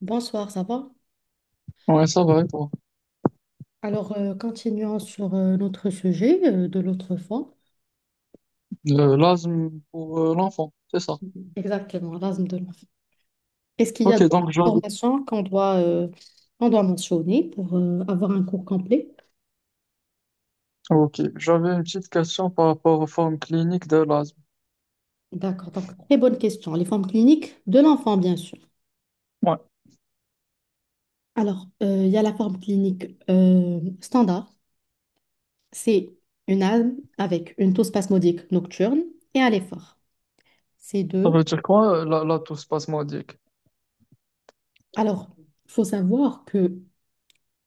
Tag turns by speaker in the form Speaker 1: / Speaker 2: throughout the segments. Speaker 1: Bonsoir, ça va?
Speaker 2: Ouais, ça va, et toi?
Speaker 1: Alors, continuons sur notre sujet de l'autre fois.
Speaker 2: L'asthme pour l'enfant, c'est ça.
Speaker 1: Exactement, l'asthme de l'enfant. Est-ce qu'il y a
Speaker 2: Ok,
Speaker 1: d'autres
Speaker 2: donc j'avais
Speaker 1: formations qu'on doit mentionner pour avoir un cours complet?
Speaker 2: ok, j'avais une petite question par rapport aux formes cliniques de l'asthme.
Speaker 1: D'accord, donc très bonne question. Les formes cliniques de l'enfant, bien sûr.
Speaker 2: Ouais.
Speaker 1: Alors, il y a la forme clinique standard. C'est une asthme avec une toux spasmodique nocturne et à l'effort. C'est
Speaker 2: Ça veut
Speaker 1: deux.
Speaker 2: dire quoi, la toux spasmodique?
Speaker 1: Alors, il faut savoir que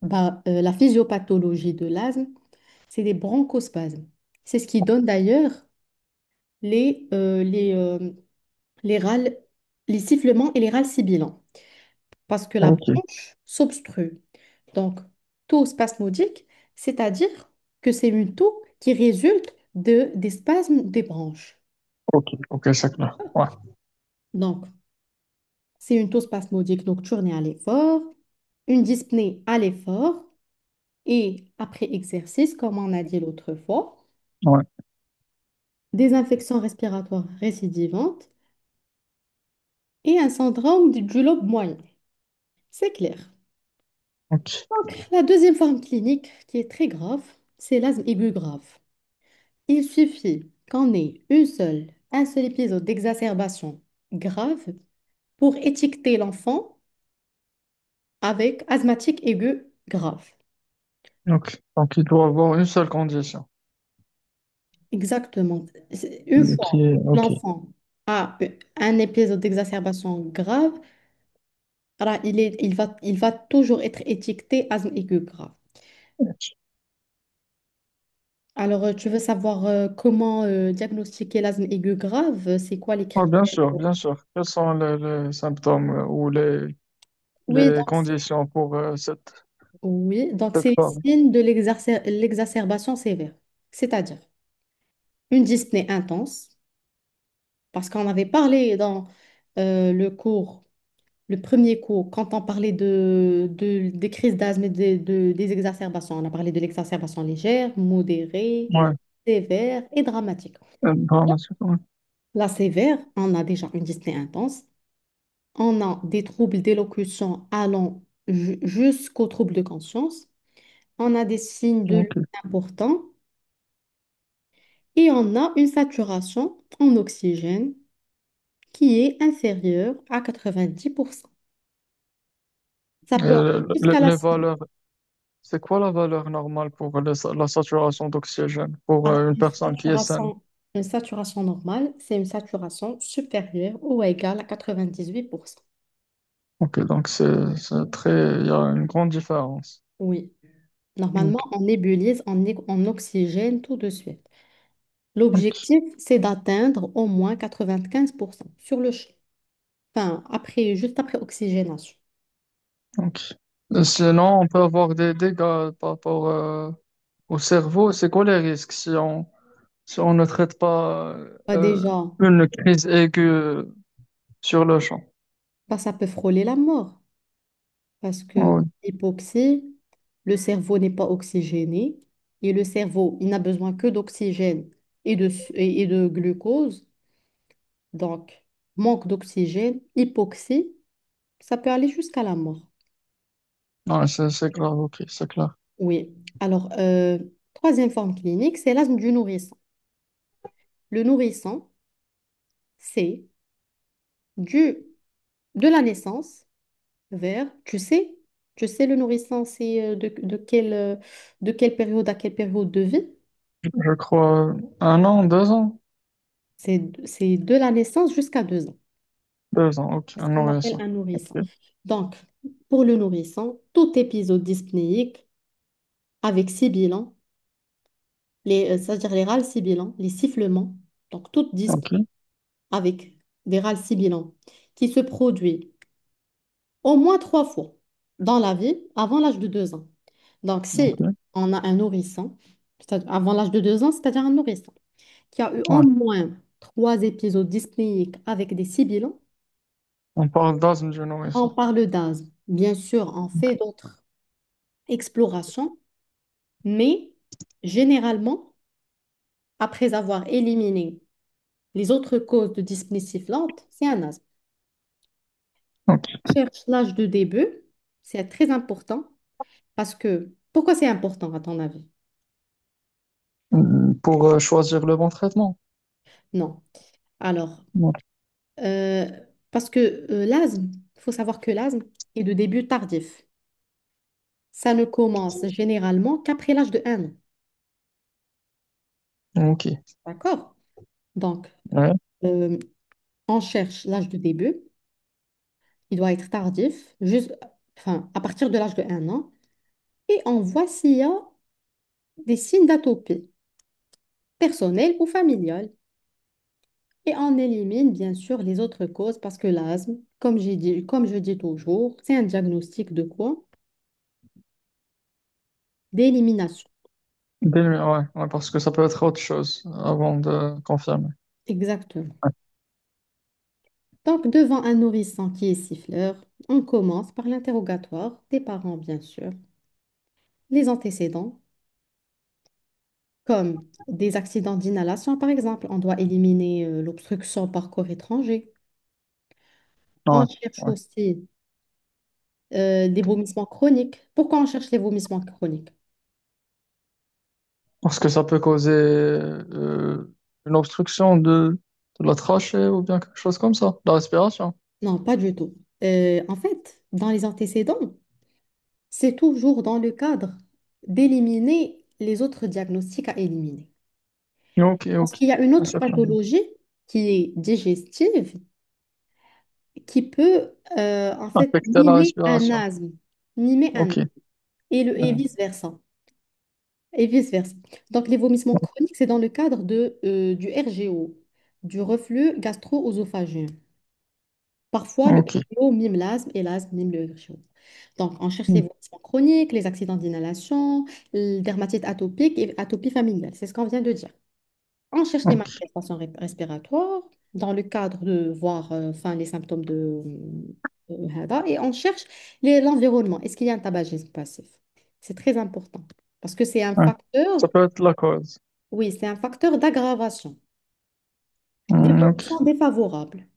Speaker 1: bah, la physiopathologie de l'asthme, c'est des bronchospasmes. C'est ce qui donne d'ailleurs les, euh, les, euh, les râles, les sifflements et les râles sibilants, parce que la
Speaker 2: Ok,
Speaker 1: bronche s'obstrue. Donc, taux spasmodique, c'est-à-dire que c'est une toux qui résulte de, des spasmes des bronches.
Speaker 2: ok, ok, c'est clair. Ouais,
Speaker 1: Donc, c'est une taux spasmodique nocturne et à l'effort, une dyspnée à l'effort, et après exercice, comme on a dit l'autre fois,
Speaker 2: ouais,
Speaker 1: des infections respiratoires récidivantes et un syndrome du lobe moyen. C'est clair.
Speaker 2: ok,
Speaker 1: La deuxième forme clinique qui est très grave, c'est l'asthme aigu grave. Il suffit qu'on ait une seule, un seul épisode d'exacerbation grave pour étiqueter l'enfant avec asthmatique aigu grave.
Speaker 2: ok. Donc il doit avoir une seule condition.
Speaker 1: Exactement. Une
Speaker 2: Qui
Speaker 1: fois
Speaker 2: est,
Speaker 1: que
Speaker 2: ok.
Speaker 1: l'enfant a un épisode d'exacerbation grave, alors il va toujours être étiqueté asthme aigu grave. Alors, tu veux savoir comment diagnostiquer l'asthme aigu grave? C'est quoi les
Speaker 2: Ouais, bien
Speaker 1: critères?
Speaker 2: sûr, bien sûr. Quels sont les symptômes ou les,
Speaker 1: Oui,
Speaker 2: les
Speaker 1: donc,
Speaker 2: conditions pour cette,
Speaker 1: oui, donc
Speaker 2: cette
Speaker 1: c'est le
Speaker 2: forme?
Speaker 1: signe de l'exacerbation sévère, c'est-à-dire une dyspnée intense, parce qu'on avait parlé dans le cours, le premier cours, quand on parlait des crises d'asthme et des exacerbations. On a parlé de l'exacerbation légère, modérée,
Speaker 2: Ouais,
Speaker 1: sévère et dramatique.
Speaker 2: par la suite, ouais.
Speaker 1: La sévère, on a déjà une dyspnée intense, on a des troubles d'élocution allant jusqu'aux troubles de conscience, on a des signes de lutte
Speaker 2: Ok.
Speaker 1: importants. Et on a une saturation en oxygène qui est inférieure à 90%. Ça peut aller
Speaker 2: Euh, le- le-
Speaker 1: jusqu'à la
Speaker 2: les
Speaker 1: cible.
Speaker 2: valeurs. C'est quoi la valeur normale pour la saturation d'oxygène pour
Speaker 1: Alors
Speaker 2: une personne qui est saine?
Speaker 1: une saturation normale, c'est une saturation supérieure ou égale à 98%.
Speaker 2: Ok, donc c'est très, il y a une grande différence.
Speaker 1: Oui, normalement,
Speaker 2: Ok,
Speaker 1: on nébulise en oxygène tout de suite.
Speaker 2: ok,
Speaker 1: L'objectif, c'est d'atteindre au moins 95% sur le champ. Enfin, après, juste après oxygénation.
Speaker 2: ok.
Speaker 1: D'accord.
Speaker 2: Sinon, on peut avoir des dégâts par rapport au cerveau. C'est quoi les risques si on ne traite pas
Speaker 1: Bah
Speaker 2: euh,
Speaker 1: déjà,
Speaker 2: une crise aiguë sur le champ?
Speaker 1: bah, ça peut frôler la mort. Parce que
Speaker 2: Oui,
Speaker 1: l'hypoxie, le cerveau n'est pas oxygéné et le cerveau, il n'a besoin que d'oxygène et de, su- et de glucose. Donc, manque d'oxygène, hypoxie, ça peut aller jusqu'à la mort.
Speaker 2: c'est grave. Ok, c'est clair.
Speaker 1: Oui. Alors, troisième forme clinique, c'est l'asthme du nourrisson. Le nourrisson, c'est du, de la naissance vers, le nourrisson, c'est de quelle période à quelle période de vie?
Speaker 2: Je crois un an, deux ans?
Speaker 1: C'est de la naissance jusqu'à 2 ans.
Speaker 2: Deux ans, ok.
Speaker 1: C'est ce
Speaker 2: Un
Speaker 1: qu'on appelle
Speaker 2: nourrisson.
Speaker 1: un nourrisson.
Speaker 2: Ok,
Speaker 1: Donc, pour le nourrisson, tout épisode dyspnéique avec sibilant, c'est-à-dire les râles sibilants, les sifflements, donc toute
Speaker 2: ok,
Speaker 1: dyspnée avec des râles sibilants qui se produit au moins 3 fois dans la vie avant l'âge de 2 ans. Donc, si
Speaker 2: ok.
Speaker 1: on a un nourrisson, c'est-à-dire avant l'âge de deux ans, c'est-à-dire un nourrisson qui a eu au
Speaker 2: Ouais.
Speaker 1: moins 3 épisodes dyspnéiques avec des sibilants,
Speaker 2: On parle d'asthme du
Speaker 1: on
Speaker 2: nourrisson.
Speaker 1: parle d'asthme. Bien sûr, on fait d'autres explorations, mais généralement, après avoir éliminé les autres causes de dyspnée sifflante, c'est un asthme.
Speaker 2: Ok.
Speaker 1: Cherche l'âge de début, c'est très important parce que... Pourquoi c'est important à ton avis?
Speaker 2: Pour choisir le bon traitement.
Speaker 1: Non. Alors,
Speaker 2: Ouais.
Speaker 1: euh, parce que l'asthme, il faut savoir que l'asthme est de début tardif. Ça ne commence généralement qu'après l'âge de 1 an.
Speaker 2: Ok.
Speaker 1: D'accord? Donc,
Speaker 2: Ouais.
Speaker 1: euh, on cherche l'âge de début. Il doit être tardif, juste, enfin, à partir de l'âge de 1 an. Et on voit s'il y a des signes d'atopie, personnelle ou familiale. Et on élimine bien sûr les autres causes parce que l'asthme, comme j'ai dit, comme je dis toujours, c'est un diagnostic de quoi? D'élimination.
Speaker 2: Ouais, ouais, parce que ça peut être autre chose avant de confirmer.
Speaker 1: Exactement. Donc, devant un nourrisson qui est siffleur, on commence par l'interrogatoire des parents, bien sûr, les antécédents, comme des accidents d'inhalation, par exemple. On doit éliminer l'obstruction par corps étranger. On
Speaker 2: Ouais.
Speaker 1: cherche
Speaker 2: Ouais.
Speaker 1: aussi des vomissements chroniques. Pourquoi on cherche les vomissements chroniques?
Speaker 2: Parce que ça peut causer une obstruction de la trachée ou bien quelque chose comme ça, la respiration.
Speaker 1: Non, pas du tout. En fait, dans les antécédents, c'est toujours dans le cadre d'éliminer les autres diagnostics à éliminer.
Speaker 2: Ok,
Speaker 1: Parce
Speaker 2: ok.
Speaker 1: qu'il y a une
Speaker 2: Un
Speaker 1: autre
Speaker 2: choc lambien.
Speaker 1: pathologie qui est digestive, qui peut en fait
Speaker 2: Affecter la respiration.
Speaker 1: mimer un
Speaker 2: Ok.
Speaker 1: asthme, et
Speaker 2: Hmm.
Speaker 1: vice-versa. Et vice-versa. Donc les vomissements chroniques, c'est dans le cadre de, du RGO, du reflux gastro-œsophagien. Parfois, le
Speaker 2: Ok.
Speaker 1: RGO mime l'asthme et l'asthme mime le RGO. Donc, on cherche les
Speaker 2: Hmm.
Speaker 1: voisins chroniques, les accidents d'inhalation, la dermatite atopique et atopie familiale. C'est ce qu'on vient de dire. On cherche les
Speaker 2: Ok.
Speaker 1: manifestations respiratoires dans le cadre de voir enfin, les symptômes de HADA et on cherche l'environnement. Est-ce qu'il y a un tabagisme passif? C'est très important parce que c'est un
Speaker 2: Ouais. Ça
Speaker 1: facteur,
Speaker 2: peut être la cause.
Speaker 1: oui, c'est un facteur d'aggravation,
Speaker 2: Hmm,
Speaker 1: d'évolution
Speaker 2: ok.
Speaker 1: défavorable.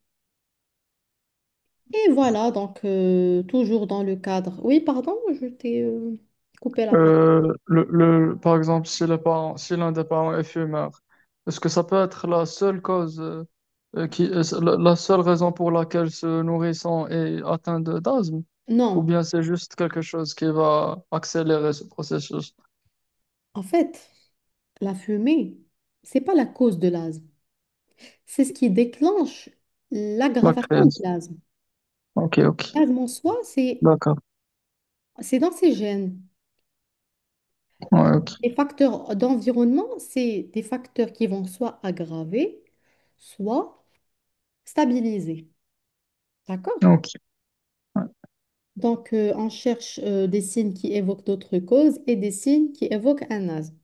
Speaker 1: Et voilà, donc toujours dans le cadre. Oui, pardon, je t'ai coupé la parole.
Speaker 2: Par exemple, si l'un des parents est fumeur, est-ce que ça peut être la seule cause, qui, la seule raison pour laquelle ce nourrisson est atteint d'asthme?
Speaker 1: Non,
Speaker 2: Ou bien c'est juste quelque chose qui va accélérer ce processus,
Speaker 1: en fait, la fumée, c'est pas la cause de l'asthme. C'est ce qui déclenche
Speaker 2: la
Speaker 1: l'aggravation de
Speaker 2: crise?
Speaker 1: l'asthme.
Speaker 2: Ok, ok,
Speaker 1: L'asthme en soi,
Speaker 2: d'accord.
Speaker 1: c'est dans ses gènes.
Speaker 2: Ouais, ok,
Speaker 1: Les facteurs d'environnement, c'est des facteurs qui vont soit aggraver, soit stabiliser. D'accord?
Speaker 2: donc
Speaker 1: Donc, on cherche des signes qui évoquent d'autres causes et des signes qui évoquent un asthme.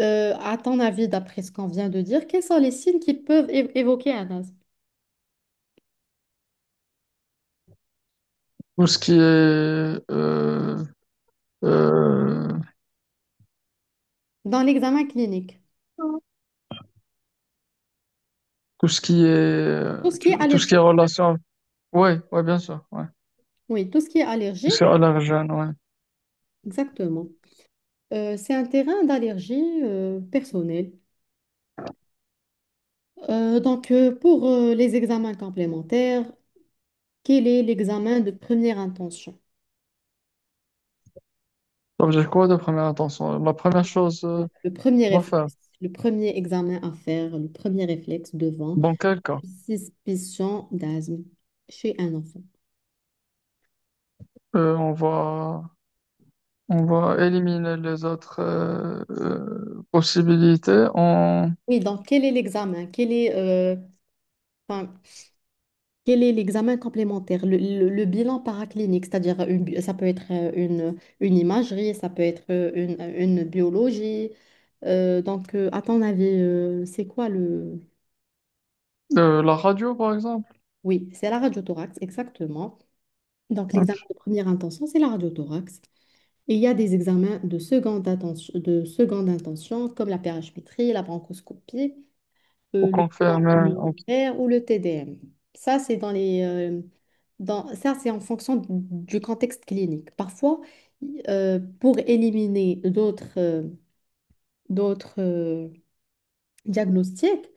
Speaker 1: À ton avis, d'après ce qu'on vient de dire, quels sont les signes qui peuvent évoquer un asthme
Speaker 2: Tout ce qui est, euh,
Speaker 1: dans l'examen clinique?
Speaker 2: tout ce qui
Speaker 1: Tout ce
Speaker 2: est,
Speaker 1: qui est
Speaker 2: tout ce qui est
Speaker 1: allergique.
Speaker 2: relation, ouais, ouais, bien sûr, ouais.
Speaker 1: Oui, tout ce qui est
Speaker 2: Tout
Speaker 1: allergie,
Speaker 2: ce qui est allergène, ouais.
Speaker 1: exactement. C'est un terrain d'allergie personnelle. Pour les examens complémentaires, quel est l'examen de première intention?
Speaker 2: Ça veut dire quoi de première intention? La première chose
Speaker 1: Le premier
Speaker 2: qu'on va faire,
Speaker 1: réflexe, le premier examen à faire, le premier réflexe devant
Speaker 2: dans quel cas?
Speaker 1: une suspicion d'asthme chez un enfant.
Speaker 2: Euh, on va, on va éliminer les autres possibilités en,
Speaker 1: Oui, donc quel est l'examen? Enfin, Quel est l'examen complémentaire? Le bilan paraclinique, c'est-à-dire ça peut être une imagerie, ça peut être une biologie. À ton avis, c'est quoi le...
Speaker 2: la radio, par exemple.
Speaker 1: Oui, c'est la radiothorax, exactement. Donc,
Speaker 2: Ok
Speaker 1: l'examen de première intention, c'est la radiothorax. Et il y a des examens de seconde intention comme la périaspimétrie, la bronchoscopie,
Speaker 2: pour
Speaker 1: le bilan
Speaker 2: confirmer. Ok,
Speaker 1: immunitaire ou le TDM. Ça, c'est dans les, ça, c'est en fonction du contexte clinique. Parfois, pour éliminer d'autres d'autres diagnostics,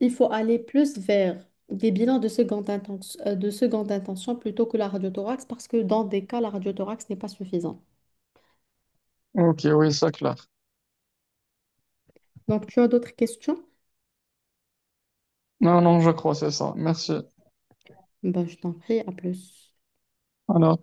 Speaker 1: il faut aller plus vers des bilans de seconde intention plutôt que la radiothorax parce que dans des cas, la radiothorax n'est pas suffisante.
Speaker 2: ok, oui, c'est clair.
Speaker 1: Donc, tu as d'autres questions?
Speaker 2: Non, non, je crois que c'est ça. Merci.
Speaker 1: Ben, je t'en prie, à plus.
Speaker 2: Alors.